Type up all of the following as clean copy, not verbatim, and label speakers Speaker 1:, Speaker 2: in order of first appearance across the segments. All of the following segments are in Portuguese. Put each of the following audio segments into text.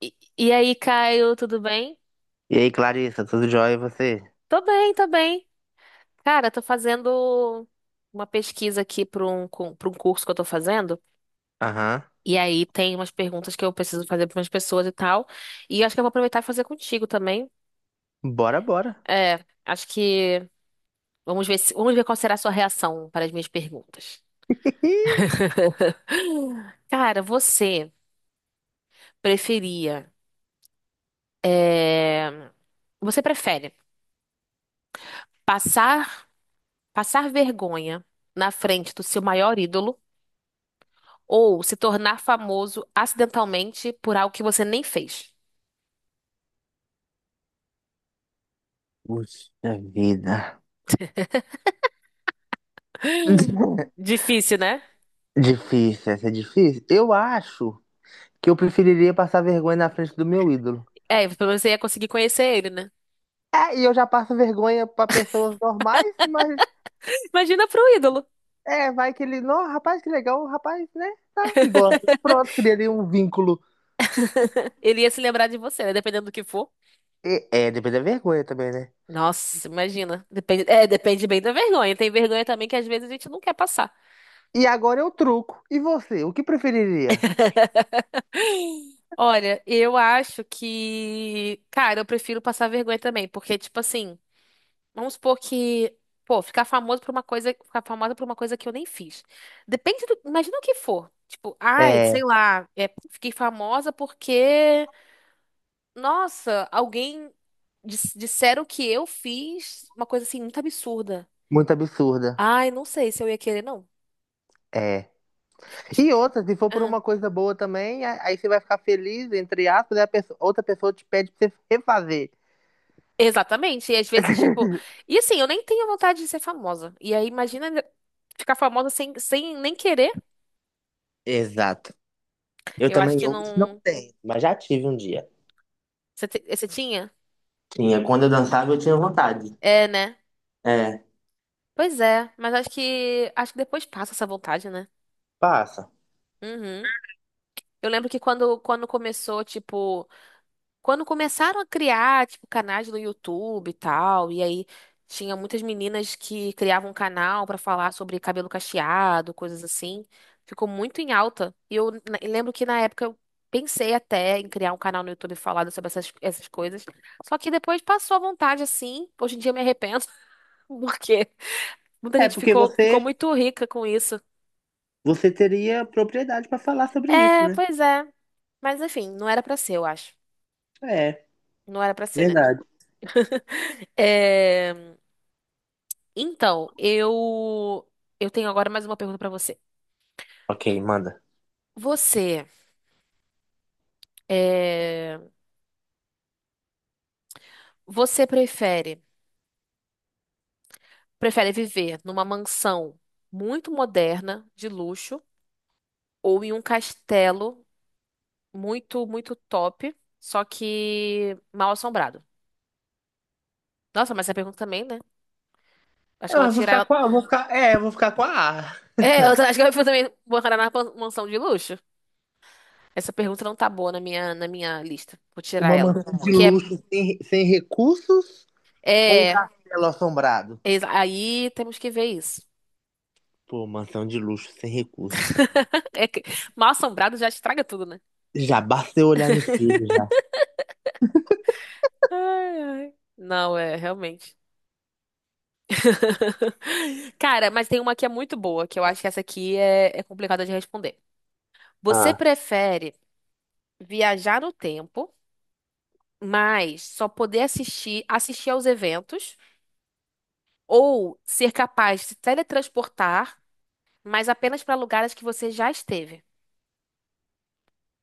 Speaker 1: E aí, Caio, tudo bem?
Speaker 2: E aí, Clarissa, tudo jóia e você?
Speaker 1: Tô bem, tô bem. Cara, tô fazendo uma pesquisa aqui para um curso que eu tô fazendo.
Speaker 2: Aham.
Speaker 1: E aí tem umas perguntas que eu preciso fazer para umas pessoas e tal. E acho que eu vou aproveitar e fazer contigo também.
Speaker 2: Bora, bora.
Speaker 1: É, acho que vamos ver se- vamos ver qual será a sua reação para as minhas perguntas. Cara, você preferia, é, você prefere passar passar vergonha na frente do seu maior ídolo? Ou se tornar famoso acidentalmente por algo que você nem fez.
Speaker 2: Puxa vida.
Speaker 1: Difícil, né?
Speaker 2: Difícil, essa é difícil. Eu acho que eu preferiria passar vergonha na frente do meu ídolo.
Speaker 1: É, pelo menos você ia conseguir conhecer ele, né?
Speaker 2: É, e eu já passo vergonha pra pessoas normais, mas
Speaker 1: Imagina pro ídolo.
Speaker 2: é, vai que ele, não, rapaz, que legal, rapaz, né? Tá, e gosta. Pronto, criaria um vínculo.
Speaker 1: Ele ia se lembrar de você, né? Dependendo do que for.
Speaker 2: Depende da vergonha também, né?
Speaker 1: Nossa, imagina. Depende, é, depende bem da vergonha. Tem vergonha também que às vezes a gente não quer passar.
Speaker 2: E agora eu truco. E você, o que preferiria?
Speaker 1: Olha, eu acho que. Cara, eu prefiro passar vergonha também, porque, tipo assim. Vamos supor que, pô, ficar famoso por uma coisa, ficar famosa por uma coisa que eu nem fiz. Depende do, imagina o que for. Tipo, ai, sei
Speaker 2: É,
Speaker 1: lá, fiquei famosa porque, nossa, alguém disseram que eu fiz uma coisa assim muito absurda.
Speaker 2: muito absurda.
Speaker 1: Ai, não sei se eu ia querer, não.
Speaker 2: É.
Speaker 1: Ti-
Speaker 2: E outra, se for por
Speaker 1: ah,
Speaker 2: uma coisa boa também, aí você vai ficar feliz, entre aspas, e a outra pessoa te pede pra você refazer.
Speaker 1: exatamente. E às vezes, tipo, e assim, eu nem tenho vontade de ser famosa. E aí, imagina ficar famosa sem nem querer.
Speaker 2: Exato. Eu
Speaker 1: Eu acho
Speaker 2: também
Speaker 1: que
Speaker 2: hoje não
Speaker 1: não.
Speaker 2: tenho, mas já tive um dia.
Speaker 1: Você, você tinha?
Speaker 2: Tinha, quando eu dançava eu tinha vontade.
Speaker 1: É, né?
Speaker 2: É,
Speaker 1: Pois é, mas acho que depois passa essa vontade, né?
Speaker 2: passa.
Speaker 1: Uhum. Eu lembro que quando começou, tipo, quando começaram a criar, tipo, canais no YouTube e tal, e aí tinha muitas meninas que criavam um canal pra falar sobre cabelo cacheado, coisas assim. Ficou muito em alta. E eu lembro que na época eu pensei até em criar um canal no YouTube falando sobre essas coisas. Só que depois passou a vontade, assim. Hoje em dia eu me arrependo, porque muita
Speaker 2: É,
Speaker 1: gente
Speaker 2: porque
Speaker 1: ficou muito rica com isso.
Speaker 2: você teria propriedade pra falar sobre isso,
Speaker 1: É,
Speaker 2: né?
Speaker 1: pois é. Mas enfim, não era pra ser, eu acho.
Speaker 2: É,
Speaker 1: Não era pra ser, né?
Speaker 2: verdade.
Speaker 1: É, então, eu tenho agora mais uma pergunta pra você.
Speaker 2: Ok, manda.
Speaker 1: Você, é, você prefere viver numa mansão muito moderna, de luxo, ou em um castelo muito, muito top, só que mal assombrado? Nossa, mas essa pergunta também, né? Acho que eu vou
Speaker 2: Eu vou
Speaker 1: tirar
Speaker 2: ficar
Speaker 1: ela.
Speaker 2: com a, vou ficar, é, eu vou ficar com a A.
Speaker 1: É, eu acho que eu vou também vou na mansão de luxo. Essa pergunta não tá boa na na minha lista. Vou tirar
Speaker 2: Uma
Speaker 1: ela.
Speaker 2: mansão de
Speaker 1: Porque
Speaker 2: luxo sem recursos ou um
Speaker 1: é, é,
Speaker 2: castelo assombrado?
Speaker 1: aí temos que ver isso.
Speaker 2: Pô, mansão de luxo sem recursos.
Speaker 1: É que mal-assombrado já estraga tudo, né?
Speaker 2: Já basta eu olhar no espelho já.
Speaker 1: Ai, ai. Não, é, realmente. Cara, mas tem uma que é muito boa, que eu acho que essa aqui é complicada de responder. Você
Speaker 2: Ah,
Speaker 1: prefere viajar no tempo, mas só poder assistir aos eventos, ou ser capaz de se teletransportar, mas apenas para lugares que você já esteve?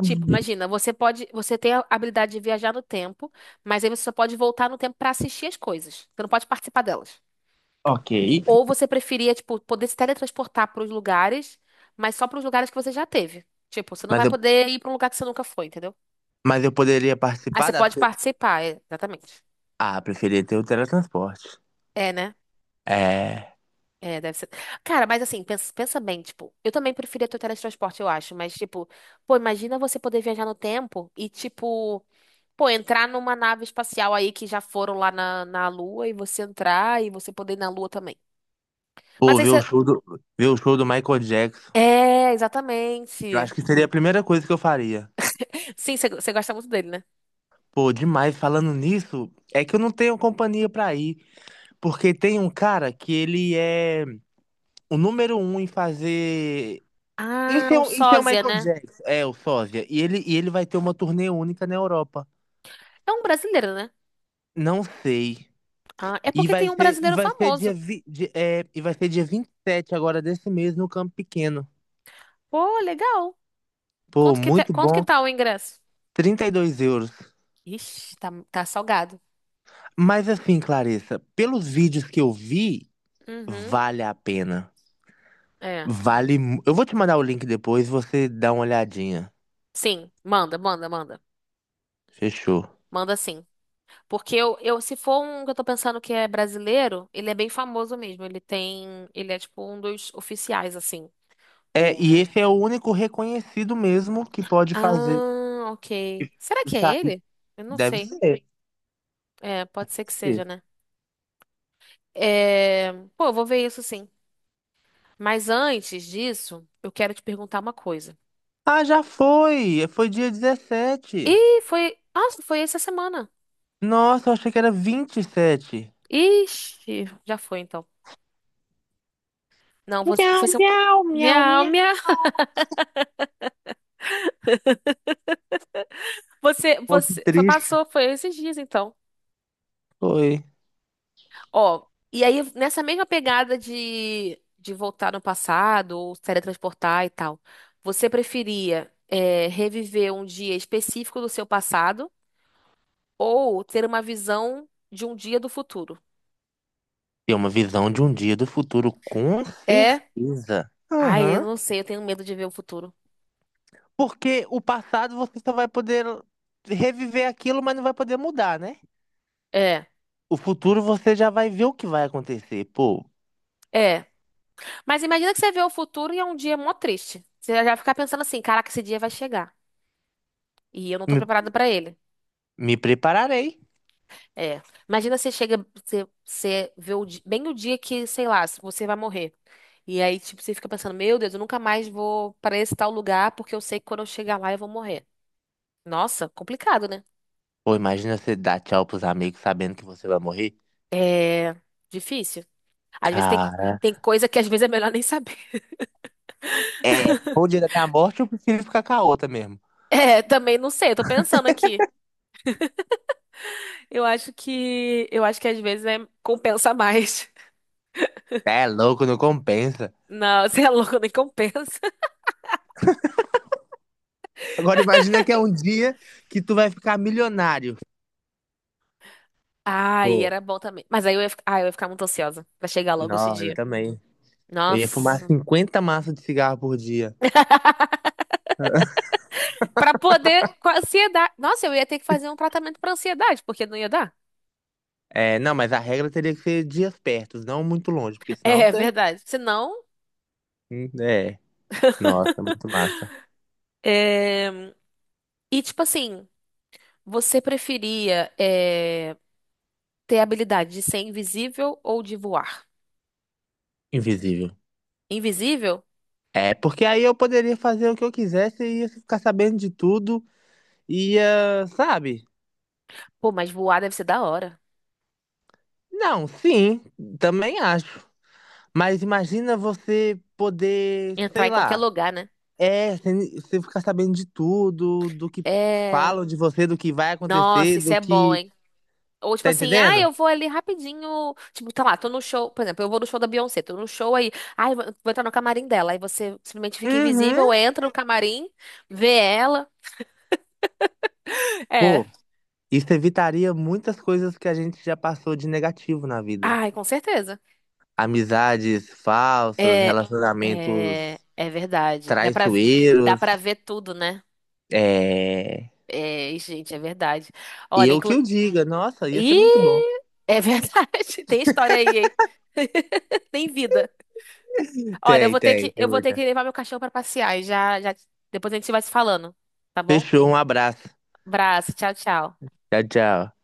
Speaker 1: Tipo, imagina, você tem a habilidade de viajar no tempo, mas aí você só pode voltar no tempo pra assistir as coisas. Você não pode participar delas.
Speaker 2: ok.
Speaker 1: Ou você preferia, tipo, poder se teletransportar pros lugares, mas só pros lugares que você já teve. Tipo, você não
Speaker 2: Mas
Speaker 1: vai
Speaker 2: eu,
Speaker 1: poder ir pra um lugar que você nunca foi, entendeu?
Speaker 2: mas eu poderia
Speaker 1: Aí
Speaker 2: participar
Speaker 1: você
Speaker 2: das
Speaker 1: pode
Speaker 2: coisas.
Speaker 1: participar, é, exatamente.
Speaker 2: Ah, preferia ter o teletransporte.
Speaker 1: É, né?
Speaker 2: É.
Speaker 1: É, deve ser. Cara, mas assim, pensa bem, tipo, eu também preferia ter o teletransporte, eu acho, mas tipo, pô, imagina você poder viajar no tempo e tipo pô, entrar numa nave espacial aí que já foram lá na Lua e você entrar e você poder ir na Lua também. Mas
Speaker 2: Pô,
Speaker 1: aí você.
Speaker 2: ver o show do Michael Jackson.
Speaker 1: É,
Speaker 2: Eu
Speaker 1: exatamente.
Speaker 2: acho que seria a primeira coisa que eu faria.
Speaker 1: Sim, você gosta muito dele, né?
Speaker 2: Pô, demais. Falando nisso, é que eu não tenho companhia pra ir. Porque tem um cara que ele é o número um em fazer.
Speaker 1: Ah, o
Speaker 2: Isso é o
Speaker 1: Sósia,
Speaker 2: Michael
Speaker 1: né?
Speaker 2: Jackson. É, o sósia. E ele vai ter uma turnê única na Europa.
Speaker 1: É um brasileiro, né?
Speaker 2: Não sei.
Speaker 1: Ah, é porque tem um
Speaker 2: E
Speaker 1: brasileiro
Speaker 2: vai ser dia,
Speaker 1: famoso.
Speaker 2: vi, di- é, e vai ser dia 27 agora desse mês no Campo Pequeno.
Speaker 1: Pô, legal.
Speaker 2: Pô, muito
Speaker 1: Quanto que
Speaker 2: bom.
Speaker 1: tá o ingresso?
Speaker 2: 32 euros.
Speaker 1: Ixi, tá salgado.
Speaker 2: Mas assim, Clarissa, pelos vídeos que eu vi,
Speaker 1: Uhum,
Speaker 2: vale a pena.
Speaker 1: é.
Speaker 2: Vale. Eu vou te mandar o link depois, você dá uma olhadinha.
Speaker 1: Sim, manda, manda, manda.
Speaker 2: Fechou.
Speaker 1: Manda sim. Porque eu, se for um que eu tô pensando que é brasileiro, ele é bem famoso mesmo. Ele tem, ele é tipo um dos oficiais, assim.
Speaker 2: É, e
Speaker 1: O...
Speaker 2: esse é o único reconhecido mesmo que pode fazer
Speaker 1: Ah, ok. Será que
Speaker 2: isso
Speaker 1: é
Speaker 2: aí.
Speaker 1: ele? Eu não
Speaker 2: Deve
Speaker 1: sei.
Speaker 2: ser.
Speaker 1: É, pode ser que seja, né? É... Pô, eu vou ver isso sim. Mas antes disso, eu quero te perguntar uma coisa.
Speaker 2: Ah, já foi! Foi dia 17.
Speaker 1: Ih, foi. Nossa, foi essa semana.
Speaker 2: Nossa, eu achei que era 27.
Speaker 1: Ixi, já foi então. Não, você.
Speaker 2: Miau,
Speaker 1: Foi seu...
Speaker 2: miau, miau,
Speaker 1: Minha,
Speaker 2: miau.
Speaker 1: minha. Você,
Speaker 2: Pô, que
Speaker 1: você. Foi,
Speaker 2: triste.
Speaker 1: passou, foi esses dias então.
Speaker 2: Foi.
Speaker 1: Ó, e aí nessa mesma pegada de voltar no passado ou se teletransportar e tal, você preferia reviver um dia específico do seu passado ou ter uma visão de um dia do futuro?
Speaker 2: Tem uma visão de um dia do futuro, com
Speaker 1: É?
Speaker 2: certeza.
Speaker 1: Ai, eu
Speaker 2: Aham.
Speaker 1: não sei, eu tenho medo de ver o futuro.
Speaker 2: Porque o passado você só vai poder reviver aquilo, mas não vai poder mudar, né?
Speaker 1: É,
Speaker 2: O futuro você já vai ver o que vai acontecer. Pô,
Speaker 1: é. Mas imagina que você vê o futuro e é um dia mó triste. Você já fica pensando assim, caraca, esse dia vai chegar. E eu não tô
Speaker 2: me,
Speaker 1: preparada pra ele.
Speaker 2: me prepararei.
Speaker 1: É. Imagina você chega, você, bem o dia que, sei lá, você vai morrer. E aí, tipo, você fica pensando, meu Deus, eu nunca mais vou para esse tal lugar porque eu sei que quando eu chegar lá eu vou morrer. Nossa, complicado, né?
Speaker 2: Pô, imagina você dar tchau pros amigos sabendo que você vai morrer.
Speaker 1: Difícil. Às vezes tem,
Speaker 2: Cara,
Speaker 1: tem coisa que às vezes é melhor nem saber.
Speaker 2: é, se o dia da minha morte, eu prefiro ficar com a outra mesmo.
Speaker 1: É, também não sei, eu tô pensando aqui. Eu acho que às vezes é, compensa mais.
Speaker 2: É louco, não compensa.
Speaker 1: Não, você é louco, nem compensa.
Speaker 2: Agora imagina que é um dia que tu vai ficar milionário.
Speaker 1: Ai,
Speaker 2: Pô,
Speaker 1: era bom também. Mas aí eu ia ficar muito ansiosa pra chegar logo esse
Speaker 2: não, eu
Speaker 1: dia.
Speaker 2: também. Eu ia fumar
Speaker 1: Nossa.
Speaker 2: 50 massas de cigarro por dia.
Speaker 1: Pra poder. Com a ansiedade. Nossa, eu ia ter que fazer um tratamento pra ansiedade, porque não ia dar.
Speaker 2: É, não, mas a regra teria que ser dias perto, não muito longe, porque senão
Speaker 1: É
Speaker 2: você.
Speaker 1: verdade. Senão.
Speaker 2: É, nossa, muito massa.
Speaker 1: é, E tipo assim, você preferia ter a habilidade de ser invisível ou de voar?
Speaker 2: Invisível.
Speaker 1: Invisível?
Speaker 2: É, porque aí eu poderia fazer o que eu quisesse e ia ficar sabendo de tudo, ia, sabe?
Speaker 1: Pô, mas voar deve ser da hora.
Speaker 2: Não, sim, também acho. Mas imagina você poder,
Speaker 1: Entrar
Speaker 2: sei
Speaker 1: em qualquer
Speaker 2: lá,
Speaker 1: lugar, né?
Speaker 2: é, você fica sabendo de tudo, do que
Speaker 1: É.
Speaker 2: falam de você, do que vai
Speaker 1: Nossa,
Speaker 2: acontecer,
Speaker 1: isso
Speaker 2: do
Speaker 1: é bom,
Speaker 2: que.
Speaker 1: hein? Ou tipo
Speaker 2: Tá
Speaker 1: assim, ah,
Speaker 2: entendendo?
Speaker 1: eu vou ali rapidinho. Tipo, tá lá, tô no show. Por exemplo, eu vou no show da Beyoncé, tô no show aí. Ah, eu vou entrar no camarim dela. Aí você simplesmente fica
Speaker 2: Uhum.
Speaker 1: invisível, entra no camarim, vê ela. É.
Speaker 2: Pô, isso evitaria muitas coisas que a gente já passou de negativo na vida.
Speaker 1: Ai, com certeza.
Speaker 2: Amizades falsas,
Speaker 1: É,
Speaker 2: relacionamentos
Speaker 1: é verdade. Dá pra
Speaker 2: traiçoeiros.
Speaker 1: ver tudo, né?
Speaker 2: É.
Speaker 1: É, e, gente, é verdade. Olha,
Speaker 2: Eu que
Speaker 1: inclu...
Speaker 2: eu diga, nossa, ia ser
Speaker 1: Ih,
Speaker 2: muito bom.
Speaker 1: é verdade. Tem história aí, hein? Tem vida. Olha,
Speaker 2: Tem, tem, tem
Speaker 1: eu vou ter que
Speaker 2: muita.
Speaker 1: levar meu cachorro pra passear e já, depois a gente vai se falando, tá bom?
Speaker 2: Fechou, um abraço.
Speaker 1: Abraço, tchau, tchau.
Speaker 2: Tchau, tchau.